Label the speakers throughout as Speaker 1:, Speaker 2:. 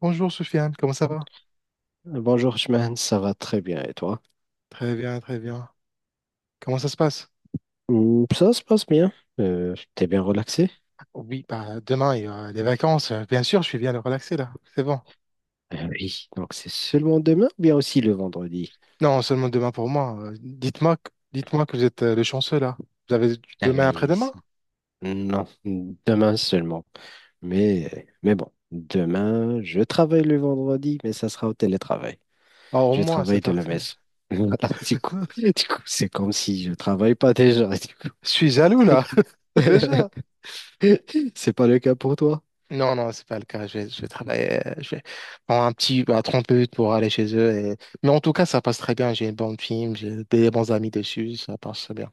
Speaker 1: Bonjour Soufiane, comment ça va?
Speaker 2: Bonjour, Chimène, ça va très bien et toi?
Speaker 1: Très bien, très bien. Comment ça se passe?
Speaker 2: Ça se passe bien. T'es bien relaxé?
Speaker 1: Oui, bah demain il y a les vacances. Bien sûr, je suis bien le relaxer là. C'est bon.
Speaker 2: Oui, donc c'est seulement demain ou bien aussi le vendredi?
Speaker 1: Non, seulement demain pour moi. Dites-moi, dites-moi que vous êtes le chanceux là. Vous avez
Speaker 2: Ah
Speaker 1: demain
Speaker 2: oui,
Speaker 1: après-demain?
Speaker 2: non, demain seulement. Mais bon, demain, je travaille le vendredi, mais ça sera au télétravail.
Speaker 1: Oh, au
Speaker 2: Je
Speaker 1: moins, c'est
Speaker 2: travaille de la
Speaker 1: parfait.
Speaker 2: maison. Voilà, du coup, du coup, c'est comme si je travaille pas déjà.
Speaker 1: Je suis jaloux là, déjà.
Speaker 2: C'est pas le cas pour toi?
Speaker 1: Non, non, c'est pas le cas. Je vais travailler. Je vais prendre un petit bah, 30 minutes pour aller chez eux. Mais en tout cas, ça passe très bien. J'ai une bonne film, j'ai des bons amis dessus. Ça passe bien.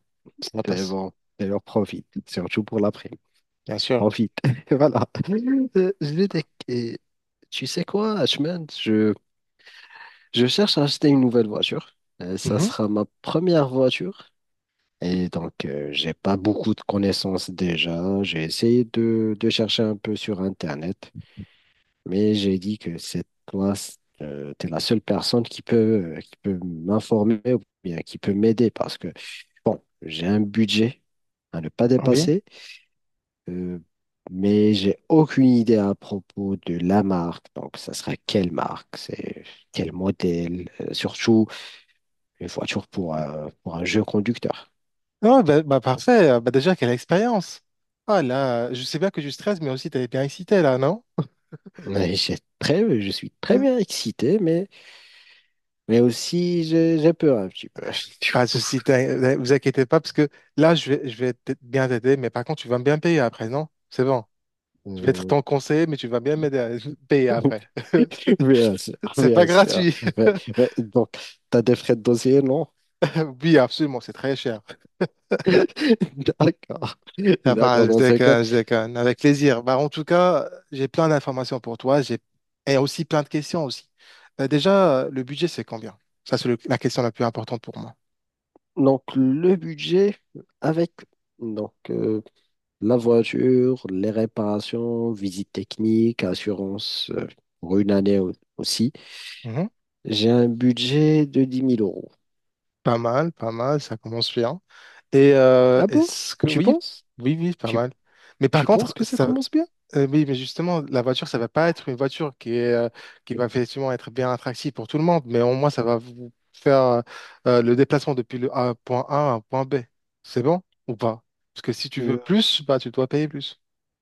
Speaker 1: Ça
Speaker 2: C'est
Speaker 1: passe,
Speaker 2: bon. Alors profite, surtout pour l'après-midi.
Speaker 1: bien sûr.
Speaker 2: En vide. Voilà. Je vais dé- et tu sais quoi, Ashman, je cherche à acheter une nouvelle voiture. Ça
Speaker 1: Mhm.
Speaker 2: sera ma première voiture. Et donc, j'ai pas beaucoup de connaissances déjà. J'ai essayé de chercher un peu sur Internet, mais j'ai dit que c'est toi, t'es la seule personne qui peut m'informer ou bien qui peut m'aider parce que, bon, j'ai un budget à ne pas
Speaker 1: Oui.
Speaker 2: dépasser. Euh, mais j'ai aucune idée à propos de la marque. Donc, ça sera quelle marque, c'est quel modèle, surtout une voiture pour pour un jeu conducteur.
Speaker 1: Non, bah, bah, parfait. Bah, déjà, quelle expérience. Ah là, je sais bien que je stresse, mais aussi, t'avais bien excité là, non?
Speaker 2: Mais je suis très
Speaker 1: Mm.
Speaker 2: bien excité, mais aussi j'ai peur un petit peu.
Speaker 1: Pas de souci, vous inquiétez pas, parce que là, je vais bien t'aider, mais par contre, tu vas me bien payer après, non? C'est bon. Je vais être
Speaker 2: Euh,
Speaker 1: ton conseiller, mais tu vas bien m'aider à payer après.
Speaker 2: Bien sûr,
Speaker 1: C'est pas
Speaker 2: bien sûr.
Speaker 1: gratuit.
Speaker 2: Mais- mais donc, tu as des frais de dossier, non?
Speaker 1: Oui, absolument, c'est très cher.
Speaker 2: D'accord.
Speaker 1: Ça va,
Speaker 2: D'accord,
Speaker 1: je
Speaker 2: dans ce cas.
Speaker 1: déconne, je déconne. Avec plaisir. Bah, en tout cas, j'ai plein d'informations pour toi. J'ai et aussi plein de questions aussi. Le budget, c'est combien? Ça, c'est la question la plus importante pour moi.
Speaker 2: Donc, le budget avec donc, la voiture, les réparations, visite technique, assurance pour une année aussi,
Speaker 1: Mhm.
Speaker 2: j'ai un budget de dix mille euros.
Speaker 1: Pas mal, pas mal. Ça commence bien. Et
Speaker 2: Ah bon?
Speaker 1: est-ce que
Speaker 2: Tu
Speaker 1: oui,
Speaker 2: penses?
Speaker 1: oui, oui, pas
Speaker 2: Tu,
Speaker 1: mal. Mais par
Speaker 2: tu penses
Speaker 1: contre,
Speaker 2: que ça
Speaker 1: ça,
Speaker 2: commence bien?
Speaker 1: Oui, mais justement, la voiture, ça va pas être une voiture qui est, qui va effectivement être bien attractive pour tout le monde, mais au moins, ça va vous faire le déplacement depuis le point A à un point B. C'est bon ou pas? Parce que si tu veux
Speaker 2: Euh,
Speaker 1: plus, bah, tu dois payer plus.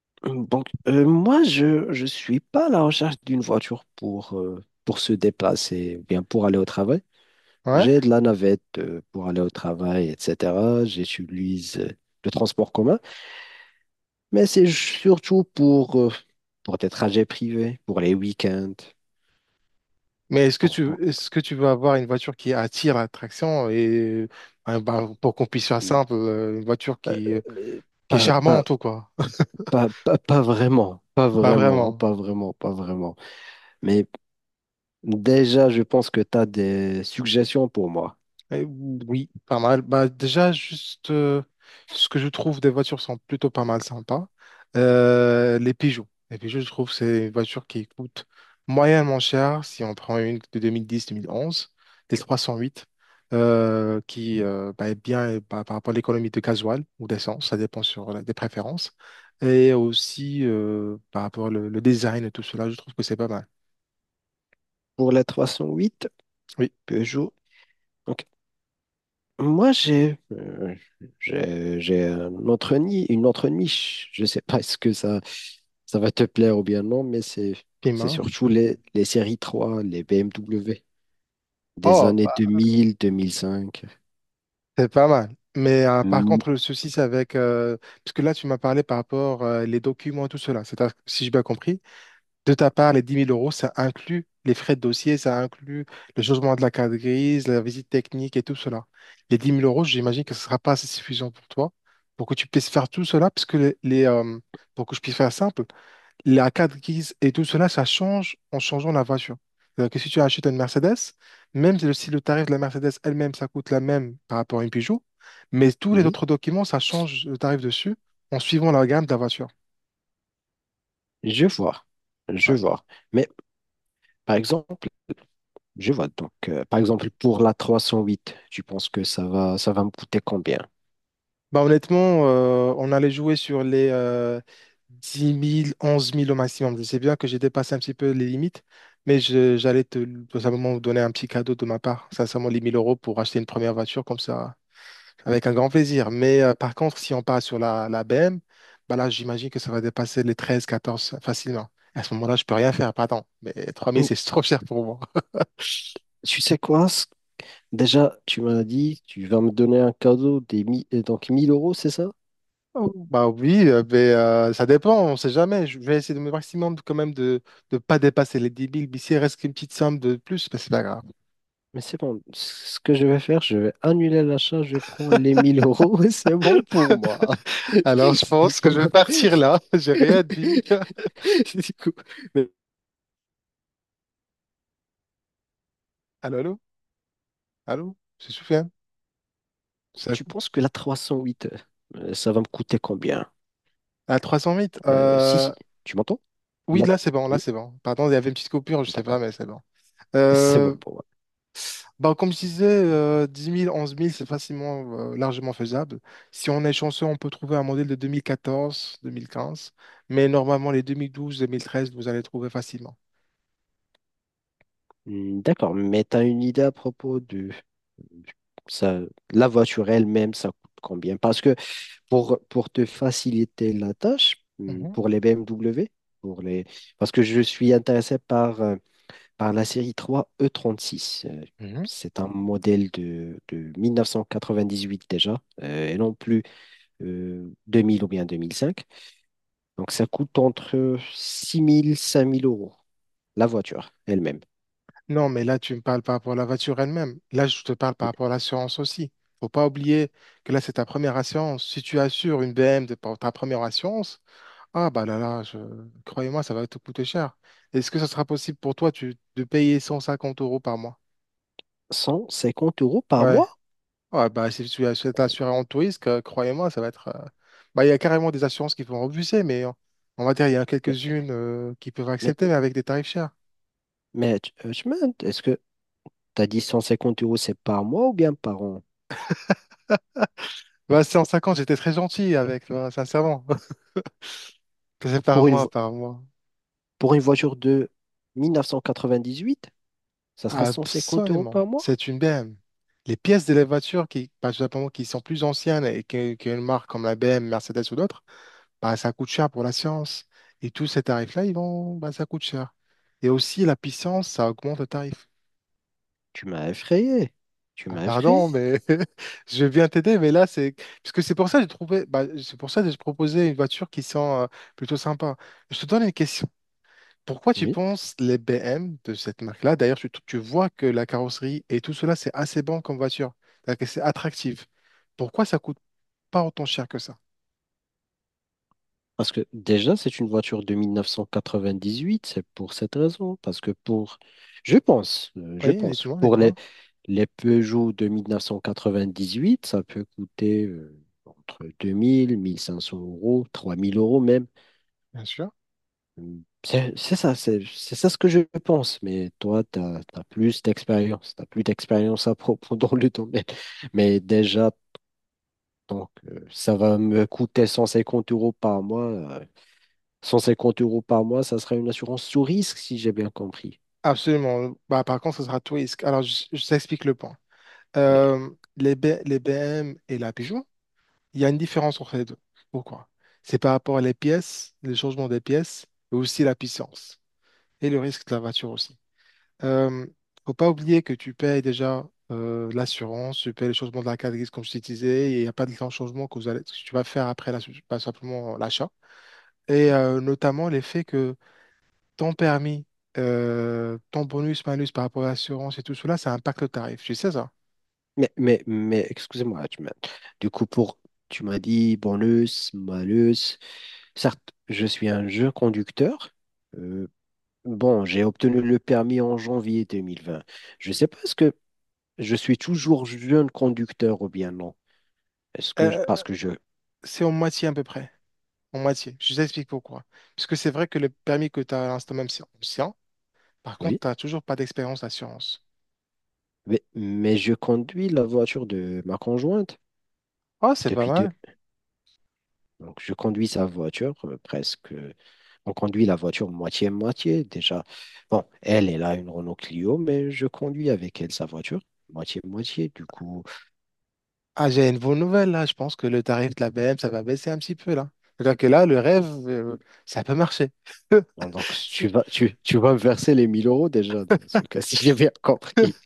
Speaker 2: donc, moi, je suis pas à la recherche d'une voiture pour se déplacer, ou bien pour aller au travail.
Speaker 1: Ouais.
Speaker 2: J'ai de la navette pour aller au travail, etc. J'utilise le transport commun. Mais c'est surtout pour des trajets privés, pour les week-ends,
Speaker 1: Mais
Speaker 2: pour, pour-
Speaker 1: est-ce que tu veux avoir une voiture qui attire l'attraction et bah, pour qu'on puisse faire
Speaker 2: euh,
Speaker 1: simple, une voiture qui
Speaker 2: euh,
Speaker 1: qui est
Speaker 2: pas, pas,
Speaker 1: charmante ou quoi?
Speaker 2: pas, pas, pas vraiment, pas
Speaker 1: Pas
Speaker 2: vraiment,
Speaker 1: vraiment.
Speaker 2: pas vraiment, pas vraiment. Mais déjà, je pense que tu as des suggestions pour moi.
Speaker 1: Eh oui, pas mal. Bah, déjà, juste ce que je trouve des voitures sont plutôt pas mal sympas. Les Peugeot. Les Peugeot, je trouve, c'est une voiture qui coûte moyennement cher si on prend une de 2010-2011, des 308, qui bah, est bien par rapport à l'économie de gasoil ou d'essence, ça dépend sur des préférences. Et aussi par rapport au le design et tout cela, je trouve que c'est pas mal.
Speaker 2: Pour la 308
Speaker 1: Oui.
Speaker 2: Peugeot. Ok. Moi, j'ai un autre nid, une autre niche. Je ne sais pas est-ce que ça va te plaire ou bien non, mais c'est
Speaker 1: Piment.
Speaker 2: surtout les séries 3 les BMW des
Speaker 1: Oh,
Speaker 2: années
Speaker 1: bah,
Speaker 2: 2000, 2005.
Speaker 1: c'est pas mal. Mais par
Speaker 2: Mm.
Speaker 1: contre, le souci, c'est avec parce que là, tu m'as parlé par rapport les documents et tout cela. C'est-à-dire, si j'ai bien compris, de ta part, les 10 000 euros, ça inclut les frais de dossier, ça inclut le changement de la carte grise, la visite technique et tout cela. Les 10 000 euros, j'imagine que ce ne sera pas assez suffisant pour toi pour que tu puisses faire tout cela, parce que pour que je puisse faire simple, la carte grise et tout cela, ça change en changeant la voiture. C'est-à-dire que si tu achètes une Mercedes, même si si le tarif de la Mercedes elle-même, ça coûte la même par rapport à une Peugeot, mais tous les
Speaker 2: Oui,
Speaker 1: autres documents, ça change le tarif dessus en suivant la gamme de la voiture.
Speaker 2: je vois, je vois. Mais par exemple, Je vois. Donc, par exemple, pour la 308, tu penses que ça va me coûter combien?
Speaker 1: Bah honnêtement, on allait jouer sur les 10 000, 11 000 au maximum. Je sais bien que j'ai dépassé un petit peu les limites, mais j'allais te tout simplement vous donner un petit cadeau de ma part, sincèrement les 1 000 euros pour acheter une première voiture comme ça, avec un grand plaisir. Mais par contre, si on part sur la BM, bah là, j'imagine que ça va dépasser les 13, 14 facilement. À ce moment-là, je peux rien faire, pardon, mais 3 000,
Speaker 2: Hmm,
Speaker 1: c'est trop cher pour moi.
Speaker 2: Tu sais quoi? Ce Déjà, tu m'as dit, tu vas me donner un cadeau donc mille euros, c'est ça?
Speaker 1: Oh, bah oui, ça dépend, on sait jamais. Je vais essayer de me maximum quand même de ne pas dépasser les 10 000. Mais s'il reste une petite somme de plus, bah, c'est pas grave.
Speaker 2: Mais c'est bon, ce que je vais faire, je vais annuler l'achat, je prends les 1 000 € et c'est bon pour moi.
Speaker 1: Alors je
Speaker 2: C'est
Speaker 1: pense que
Speaker 2: bon.
Speaker 1: je vais partir là. J'ai rien dit.
Speaker 2: Du coup, mais
Speaker 1: Allô, allô? Allô? J'ai Soufiane? Ça
Speaker 2: tu
Speaker 1: coupe
Speaker 2: penses que la 308, ça va me coûter combien?
Speaker 1: À 308?
Speaker 2: Si, tu m'entends?
Speaker 1: Oui,
Speaker 2: La...
Speaker 1: là c'est bon, là
Speaker 2: Oui,
Speaker 1: c'est bon. Pardon, il y avait une petite coupure, je sais pas,
Speaker 2: d'accord.
Speaker 1: mais c'est bon.
Speaker 2: C'est
Speaker 1: Euh,
Speaker 2: bon pour moi.
Speaker 1: Bah, comme je disais, 10 000, 11 000, c'est facilement, largement faisable. Si on est chanceux, on peut trouver un modèle de 2014 deux mille quinze, mais normalement, les 2012 2013 vous allez trouver facilement.
Speaker 2: D'accord, mais tu as une idée à propos de ça, la voiture elle-même, ça coûte combien? Parce que pour te faciliter la tâche,
Speaker 1: Mhm,
Speaker 2: pour les BMW, pour les... parce que je suis intéressé par, par la série 3 E36.
Speaker 1: mhm.
Speaker 2: C'est un modèle de 1998 déjà, et non plus 2000 ou bien 2005. Donc ça coûte entre 6 000 cinq mille euros, la voiture elle-même.
Speaker 1: Non, mais là, tu me parles par rapport à la voiture elle-même. Là, je te parle par rapport à l'assurance aussi. Faut pas oublier que là, c'est ta première assurance. Si tu assures une BM de pour ta première assurance, ah bah là là, je... croyez-moi, ça va te coûter cher. Est-ce que ça sera possible pour toi de payer 150 euros par mois?
Speaker 2: 150 € par
Speaker 1: Ouais.
Speaker 2: mois?
Speaker 1: Ouais, bah si si t'es assuré en tout risque, croyez-moi, ça va être. Bah, il y a carrément des assurances qui vont refuser, mais on va dire il y a
Speaker 2: Mais,
Speaker 1: quelques-unes qui peuvent
Speaker 2: mais,
Speaker 1: accepter, mais avec des tarifs chers.
Speaker 2: tu m'as- est-ce que tu as dit 150 euros, c'est par mois ou bien par an?
Speaker 1: Bah, 150, j'étais très gentil avec, tu vois, sincèrement. C'est par
Speaker 2: Pour une,
Speaker 1: moi, par moi.
Speaker 2: pour une voiture de 1998, ça sera 150 €
Speaker 1: Absolument.
Speaker 2: par mois?
Speaker 1: C'est une BM. Les pièces de la voiture qui, tout simplement, qui sont plus anciennes et une marque comme la BM, Mercedes ou d'autres, bah, ça coûte cher pour la science. Et tous ces tarifs-là, ça coûte cher. Et aussi, la puissance, ça augmente le tarif.
Speaker 2: Tu m'as effrayé. Tu
Speaker 1: Ah,
Speaker 2: m'as effrayé.
Speaker 1: pardon, mais je viens t'aider, mais là, c'est... Parce que c'est pour ça que j'ai trouvé... bah, c'est pour ça que j'ai proposé une voiture qui sent plutôt sympa. Je te donne une question. Pourquoi tu
Speaker 2: Oui.
Speaker 1: penses les BM de cette marque-là? D'ailleurs, tu vois que la carrosserie et tout cela, c'est assez bon comme voiture. C'est-à-dire que c'est attractif. Pourquoi ça coûte pas autant cher que ça?
Speaker 2: Parce que déjà, c'est une voiture de 1998. C'est pour cette raison. Parce que pour, je
Speaker 1: Oui,
Speaker 2: pense,
Speaker 1: dites-moi,
Speaker 2: pour
Speaker 1: dites-moi,
Speaker 2: les Peugeot de 1998, ça peut coûter entre 2000, 1500 euros, 3 000 € même.
Speaker 1: bien sûr.
Speaker 2: C'est ça ce que je pense. Mais toi, tu as plus d'expérience. Tu as plus d'expérience à propos dans le domaine. Mais déjà, donc, ça va me coûter 150 € par mois. 150 € par mois, ça sera une assurance sous risque, si j'ai bien compris.
Speaker 1: Absolument. Bah, par contre, ce sera twist. Alors, je t'explique le point.
Speaker 2: Mais,
Speaker 1: Euh, les BM et la Peugeot, il y a une différence entre les deux. Pourquoi? C'est par rapport à les pièces, les changements des pièces, et aussi la puissance et le risque de la voiture aussi. Euh, faut pas oublier que tu payes déjà l'assurance, tu payes le changement de la carte grise comme je t'ai disais, et il n'y a pas de grand changement que, que tu vas faire après pas simplement l'achat. Et notamment l'effet que ton permis, ton bonus, malus par rapport à l'assurance et tout cela, ça impacte le tarif. Tu sais ça?
Speaker 2: excusez-moi, tu m'as- du coup, pour, tu m'as dit bonus, malus. Certes, je suis un jeune conducteur. Euh, bon, j'ai obtenu le permis en janvier 2020. Je ne sais pas, est-ce que je suis toujours jeune conducteur ou bien non? Est-ce que, je-
Speaker 1: Euh,
Speaker 2: parce que je,
Speaker 1: c'est en moitié à peu près. En moitié. Je t'explique pourquoi. Parce que c'est vrai que le permis que tu as à l'instant, même si c'est ancien, par contre,
Speaker 2: oui,
Speaker 1: t'as toujours pas d'expérience d'assurance.
Speaker 2: mais je conduis la voiture de ma conjointe
Speaker 1: Oh, c'est pas
Speaker 2: depuis
Speaker 1: mal.
Speaker 2: donc, je conduis sa voiture presque. On conduit la voiture moitié-moitié déjà. Bon, elle, elle a une Renault Clio, mais je conduis avec elle sa voiture moitié-moitié. Du coup,
Speaker 1: Ah, j'ai une bonne nouvelle là. Je pense que le tarif de la BM, ça va baisser un petit peu là. C'est-à-dire que là, le rêve, ça peut marcher.
Speaker 2: bon, donc si
Speaker 1: C'est-
Speaker 2: tu vas me verser les 1 000 € déjà dans ce cas, si j'ai bien compris.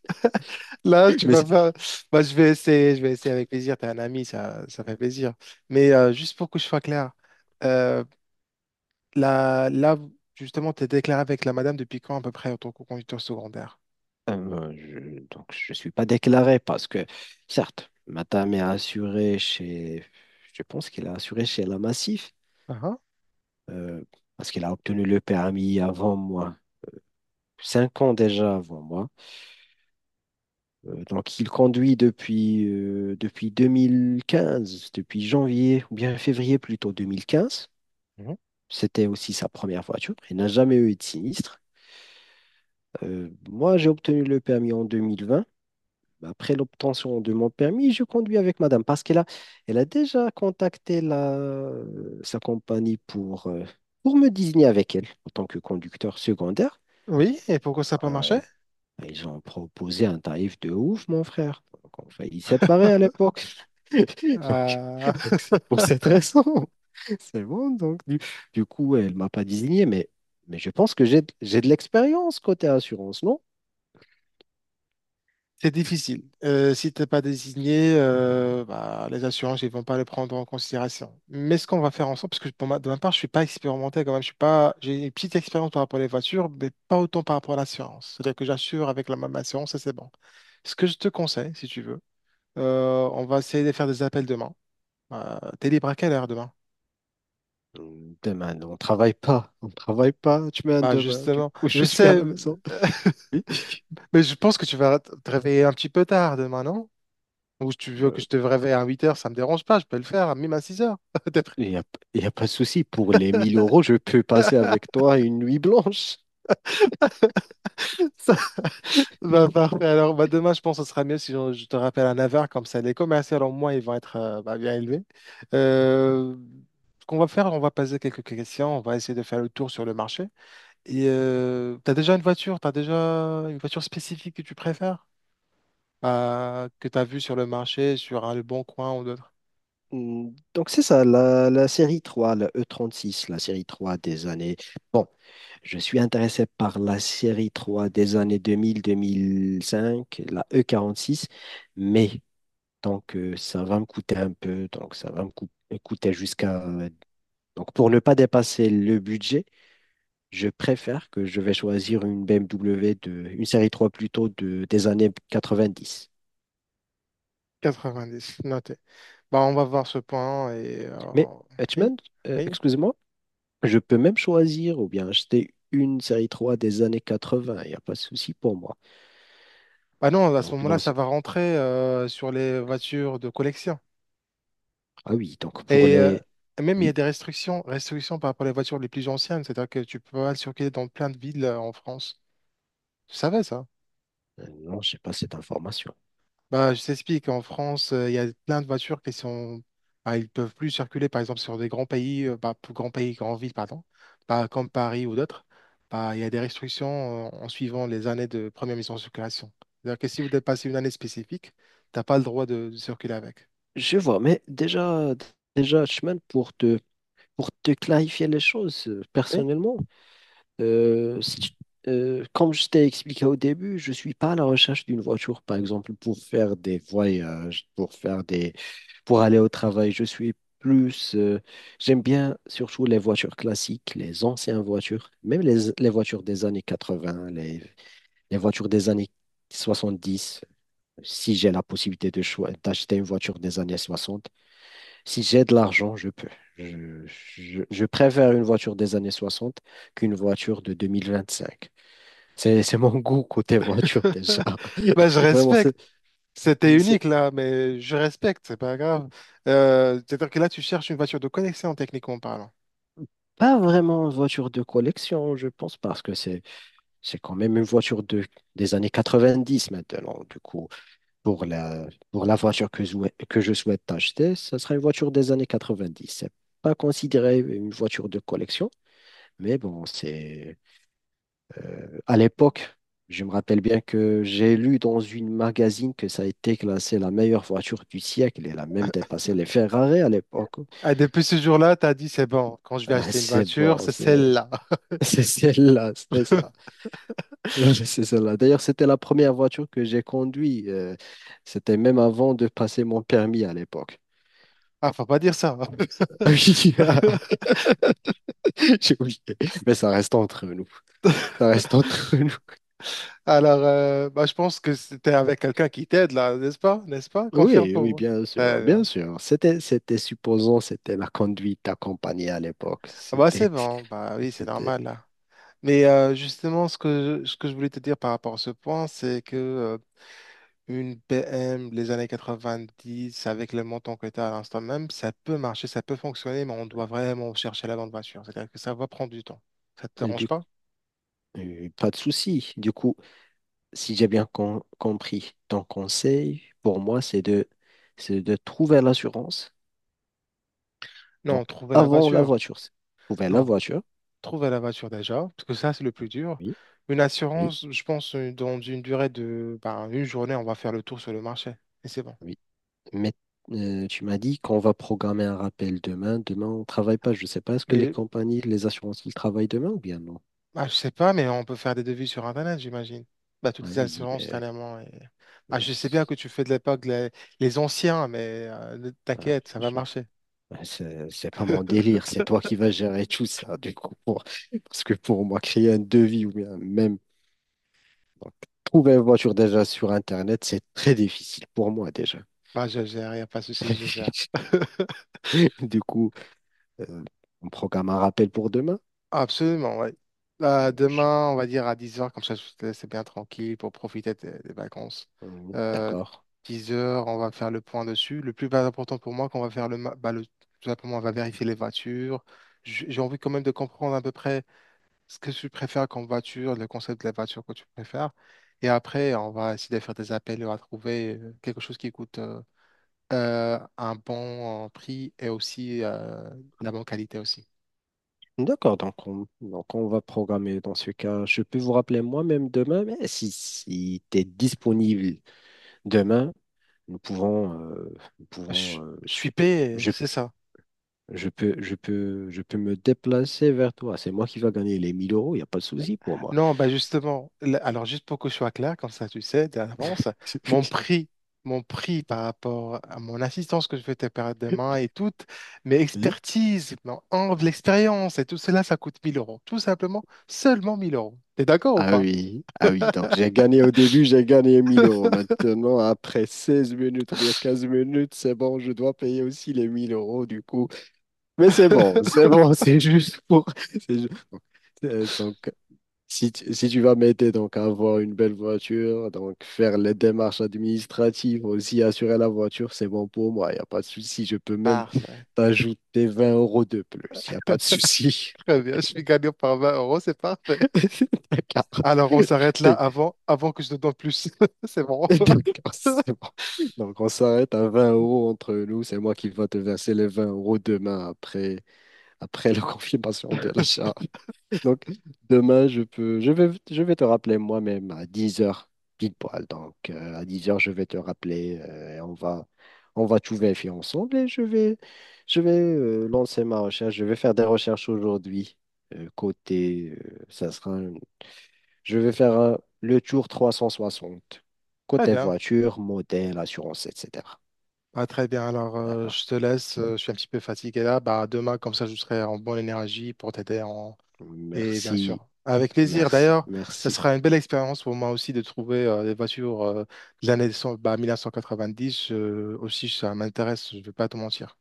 Speaker 1: Là, tu
Speaker 2: Mais
Speaker 1: vas
Speaker 2: c'est-
Speaker 1: faire. Bah, je vais essayer avec plaisir. T'es un ami, ça fait plaisir. Mais juste pour que je sois clair, euh, là, justement, t'es déclaré avec la madame depuis quand à peu près en tant que conducteur secondaire?
Speaker 2: Donc, je ne suis pas déclaré parce que, certes, Matam est assuré chez, je pense qu'il a assuré chez la Massif,
Speaker 1: Ah, ah.
Speaker 2: euh, parce qu'il a obtenu le permis avant moi, 5 ans déjà avant moi. Donc, il conduit depuis, depuis 2015, depuis janvier, ou bien février plutôt 2015.
Speaker 1: Mhm.
Speaker 2: C'était aussi sa première voiture. Il n'a jamais eu de sinistre. Moi, j'ai obtenu le permis en 2020. Après l'obtention de mon permis, je conduis avec madame parce qu'elle a déjà contacté la, sa compagnie pour me désigner avec elle en tant que conducteur secondaire.
Speaker 1: Oui, et pourquoi ça n'a pas marché?
Speaker 2: Ouais. Ils ont proposé un tarif de ouf, mon frère. Donc, on faillit séparer à l'époque. Donc,
Speaker 1: Ah.
Speaker 2: donc c'est pour cette raison. C'est bon. Donc, du coup, elle ne m'a pas désigné, mais je pense que j'ai de l'expérience côté assurance, non.
Speaker 1: C'est difficile. Si t'es pas désigné, bah, les assurances, ils vont pas le prendre en considération. Mais ce qu'on va faire ensemble, parce que pour de ma part, je suis pas expérimenté quand même. Je suis pas, j'ai une petite expérience par rapport aux voitures, mais pas autant par rapport à l'assurance. C'est-à-dire que j'assure avec la même assurance et c'est bon. Ce que je te conseille, si tu veux, on va essayer de faire des appels demain. T'es libre à quelle heure demain?
Speaker 2: Demain, on travaille pas. On travaille pas. Tu mets un
Speaker 1: Bah
Speaker 2: demain. Du
Speaker 1: justement,
Speaker 2: coup,
Speaker 1: je
Speaker 2: je suis à
Speaker 1: sais,
Speaker 2: la maison.
Speaker 1: mais je pense que tu vas te réveiller un petit peu tard demain, non? Ou si tu
Speaker 2: Oui.
Speaker 1: veux
Speaker 2: Mais
Speaker 1: que je te réveille à 8 heures, ça me dérange pas, je peux le faire, même à 6 heures. T'es prêt
Speaker 2: Il n'y a, il y a pas de souci. Pour les 1000 euros, je peux passer avec toi une nuit blanche.
Speaker 1: Bah, parfait. Alors, bah, demain, je pense que ce sera mieux si je te rappelle à 9 heures comme ça, les commerciaux, au moins, ils vont être bah, bien élevés. Euh, ce qu'on va faire, on va poser quelques questions, on va essayer de faire le tour sur le marché. Et tu as déjà une voiture, tu as déjà une voiture spécifique que tu préfères, que tu as vue sur le marché, sur un Le Bon Coin ou d'autres?
Speaker 2: Donc, c'est ça, la série trois, la E36, la série 3 des années. Bon, je suis intéressé par la série 3 des années deux mille cinq, la E46, mais ça va me coûter un peu, donc ça va me cou- me coûter jusqu'à donc, pour ne pas dépasser le budget, je préfère que je vais choisir une BMW une série 3 plutôt des années 90.
Speaker 1: 90, noté. Bah, on va voir ce point
Speaker 2: Mais,
Speaker 1: oui,
Speaker 2: Hutchman,
Speaker 1: oui.
Speaker 2: excuse-moi, je peux même choisir ou bien acheter une série 3 des années 80. Il n'y a pas de souci pour moi.
Speaker 1: Bah non, à ce
Speaker 2: Donc,
Speaker 1: moment-là,
Speaker 2: dans
Speaker 1: ça
Speaker 2: ce-
Speaker 1: va rentrer sur les voitures de collection.
Speaker 2: ah oui, donc pour
Speaker 1: Et euh,
Speaker 2: les.
Speaker 1: même, il y a
Speaker 2: Oui,
Speaker 1: des restrictions, restrictions par rapport aux voitures les plus anciennes. C'est-à-dire que tu peux pas circuler dans plein de villes en France. Tu savais ça?
Speaker 2: non, je n'ai pas cette information.
Speaker 1: Bah, je t'explique. En France, il y a plein de voitures qui sont… bah, ils peuvent plus circuler, par exemple, sur des grands pays, bah, pour grands pays, grandes villes, pardon, bah, comme Paris ou d'autres. Bah, il y a des restrictions en suivant les années de première mise en circulation. C'est-à-dire que si vous dépassez une année spécifique, tu n'as pas le droit de circuler avec.
Speaker 2: Je vois, mais déjà, déjà, Hutchman, pour te clarifier les choses,
Speaker 1: Oui.
Speaker 2: personnellement, si tu- comme je t'ai expliqué au début, je ne suis pas à la recherche d'une voiture, par exemple, pour faire des voyages, pour faire des, pour aller au travail. Je suis plus, j'aime bien surtout les voitures classiques, les anciennes voitures, même les voitures des années 80, les voitures des années 70. Si j'ai la possibilité de d'acheter une voiture des années 60. Si j'ai de l'argent, je peux. Je préfère une voiture des années 60 qu'une voiture de 2025. C'est mon goût côté voiture déjà.
Speaker 1: Bah, je
Speaker 2: Vraiment,
Speaker 1: respecte.
Speaker 2: c'est
Speaker 1: C'était
Speaker 2: c'est
Speaker 1: unique là, mais je respecte, c'est pas grave. C'est-à-dire que là, tu cherches une voiture de collection, techniquement parlant.
Speaker 2: pas vraiment une voiture de collection, je pense, parce que c'est quand même une voiture des années 90 maintenant. Du coup, pour pour la voiture que, que je souhaite acheter, ce sera une voiture des années 90. C'est pas considéré une voiture de collection, mais bon, c'est à l'époque, je me rappelle bien que j'ai lu dans une magazine que ça a été classé la meilleure voiture du siècle. Elle a même dépassé les Ferrari à l'époque.
Speaker 1: Ah, depuis ce jour-là, t'as dit, c'est bon, quand je vais
Speaker 2: Ah,
Speaker 1: acheter une
Speaker 2: c'est
Speaker 1: voiture,
Speaker 2: bon,
Speaker 1: c'est
Speaker 2: c'est
Speaker 1: celle-là.
Speaker 2: c'est celle-là, c'est ça. C'est celle-là. D'ailleurs, c'était la première voiture que j'ai conduite. C'était même avant de passer mon permis à l'époque.
Speaker 1: Ah, faut pas dire ça.
Speaker 2: Oui, J'ai oublié. Mais ça reste entre nous. Ça reste entre nous.
Speaker 1: Alors, je pense que c'était avec quelqu'un qui t'aide là, n'est-ce pas? N'est-ce pas? Confirme
Speaker 2: Oui,
Speaker 1: pour
Speaker 2: oui,
Speaker 1: moi.
Speaker 2: bien sûr,
Speaker 1: Très
Speaker 2: bien
Speaker 1: bien.
Speaker 2: sûr. C'était supposons, c'était la conduite accompagnée à l'époque.
Speaker 1: Ah, bah, c'est
Speaker 2: C'était,
Speaker 1: bon, bah oui, c'est
Speaker 2: C'était...
Speaker 1: normal là. Mais justement, ce que je voulais te dire par rapport à ce point, c'est que une PM, les années 90, avec le montant que tu as à l'instant même, ça peut marcher, ça peut fonctionner, mais on doit vraiment chercher la bonne voiture. C'est-à-dire que ça va prendre du temps. Ça te
Speaker 2: Euh,
Speaker 1: dérange
Speaker 2: Du...
Speaker 1: pas?
Speaker 2: Pas de souci. Du coup, si j'ai compris, ton conseil pour moi, c'est de trouver l'assurance.
Speaker 1: Non,
Speaker 2: Donc,
Speaker 1: trouver la
Speaker 2: avant la
Speaker 1: voiture.
Speaker 2: voiture. Trouver la
Speaker 1: Non,
Speaker 2: voiture.
Speaker 1: trouver la voiture déjà, parce que ça, c'est le plus dur.
Speaker 2: Oui,
Speaker 1: Une
Speaker 2: oui,
Speaker 1: assurance, je pense, dans une durée de bah, une journée, on va faire le tour sur le marché. Et c'est bon.
Speaker 2: oui. Mais tu m'as dit qu'on va programmer un rappel demain. Demain, on ne travaille pas. Je ne sais pas, est-ce que les
Speaker 1: Mais
Speaker 2: compagnies, les assurances, ils travaillent demain ou bien non?
Speaker 1: bah, je sais pas, mais on peut faire des devis sur Internet, j'imagine. Bah, toutes
Speaker 2: Ah
Speaker 1: les
Speaker 2: oui,
Speaker 1: assurances,
Speaker 2: mais,
Speaker 1: dernièrement. Et… Ah, je sais bien que
Speaker 2: mais
Speaker 1: tu fais de l'époque les anciens, mais ne
Speaker 2: ah,
Speaker 1: t'inquiète, ça va
Speaker 2: je-
Speaker 1: marcher.
Speaker 2: ah, c'est pas mon délire. C'est toi qui vas gérer tout ça, du coup. Parce que pour moi, créer un devis ou bien même donc, trouver une voiture déjà sur Internet, c'est très difficile pour moi déjà.
Speaker 1: Bah, je gère, y a pas de souci, je gère.
Speaker 2: Du coup, euh, on programme un rappel pour demain.
Speaker 1: Absolument, oui.
Speaker 2: Hmm, je-
Speaker 1: Demain, on va dire à 10 heures comme ça, je te laisse bien tranquille pour profiter des vacances. Euh,
Speaker 2: D'accord.
Speaker 1: 10 heures, on va faire le point dessus. Le plus important pour moi, qu'on va faire le, ma- bah, le- tout simplement, on va vérifier les voitures. J'ai envie quand même de comprendre à peu près ce que tu préfères comme voiture, le concept de la voiture que tu préfères. Et après, on va essayer de faire des appels et on va trouver quelque chose qui coûte un bon prix et aussi de la bonne qualité aussi.
Speaker 2: D'accord, donc on va programmer dans ce cas. Je peux vous rappeler moi-même demain, mais si, si tu es disponible demain, nous pouvons
Speaker 1: Je, je suis payé,
Speaker 2: je,
Speaker 1: c'est ça.
Speaker 2: je peux me déplacer vers toi. C'est moi qui va gagner les 1000 euros, il n'y a pas de souci pour moi.
Speaker 1: Non, bah justement, alors juste pour que je sois clair, comme ça tu sais d'avance, mon prix, mon prix par rapport à mon assistance que je vais te faire demain et toutes mes
Speaker 2: Oui.
Speaker 1: expertises, mon angle, l'expérience et tout cela, ça coûte 1 000 euros. Tout simplement, seulement 1 000 euros. T'es d'accord ou
Speaker 2: Ah
Speaker 1: pas?
Speaker 2: oui, ah oui, donc j'ai gagné au début, j'ai gagné 1000 euros. Maintenant, après 16 minutes ou bien 15 minutes, c'est bon, je dois payer aussi les 1000 euros. Du coup, mais c'est bon, c'est juste pour. c'est ju- Donc, si si tu vas m'aider donc, à avoir une belle voiture, donc faire les démarches administratives, aussi assurer la voiture, c'est bon pour moi, il n'y a pas de souci. Je peux même
Speaker 1: Parfait.
Speaker 2: t'ajouter 20 € de plus, il n'y a pas de souci.
Speaker 1: Très bien, je suis gagnant par 20 euros, c'est parfait.
Speaker 2: D'accord.
Speaker 1: Alors on s'arrête là
Speaker 2: T'es-
Speaker 1: avant que je te donne plus. C'est bon.
Speaker 2: D'accord, c'est bon. Donc, on s'arrête à 20 € entre nous, c'est moi qui va te verser les 20 € demain après, après la confirmation de l'achat. Donc, demain, je vais te rappeler moi-même à 10 heures, pile poil. Donc, à 10 heures je vais te rappeler on va tout vérifier ensemble je vais lancer ma recherche. Je vais faire des recherches aujourd'hui. Côté, ça sera, un- je vais faire le tour 360
Speaker 1: Très
Speaker 2: côté
Speaker 1: bien.
Speaker 2: voiture, modèle, assurance, etc.
Speaker 1: Ah, très bien, alors
Speaker 2: D'accord.
Speaker 1: je te laisse, je suis un petit peu fatigué là. Bah, demain, comme ça, je serai en bonne énergie pour t'aider. En… Et bien
Speaker 2: Merci,
Speaker 1: sûr, avec plaisir. D'ailleurs, ça
Speaker 2: merci.
Speaker 1: sera une belle expérience pour moi aussi de trouver des voitures de l'année 1990. Aussi, ça m'intéresse, je ne vais pas te mentir.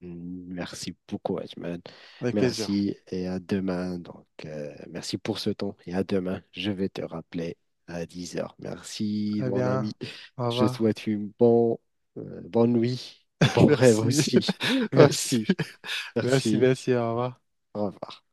Speaker 2: Merci beaucoup, Ajman.
Speaker 1: Avec plaisir.
Speaker 2: Merci et à demain. Donc, merci pour ce temps et à demain. Je vais te rappeler à 10 heures. Merci,
Speaker 1: Très
Speaker 2: mon
Speaker 1: bien,
Speaker 2: ami.
Speaker 1: au
Speaker 2: Je te
Speaker 1: revoir.
Speaker 2: souhaite une bonne, bonne nuit et bon rêve
Speaker 1: Merci.
Speaker 2: aussi.
Speaker 1: Merci,
Speaker 2: Merci. Merci.
Speaker 1: merci, au revoir.
Speaker 2: Au revoir.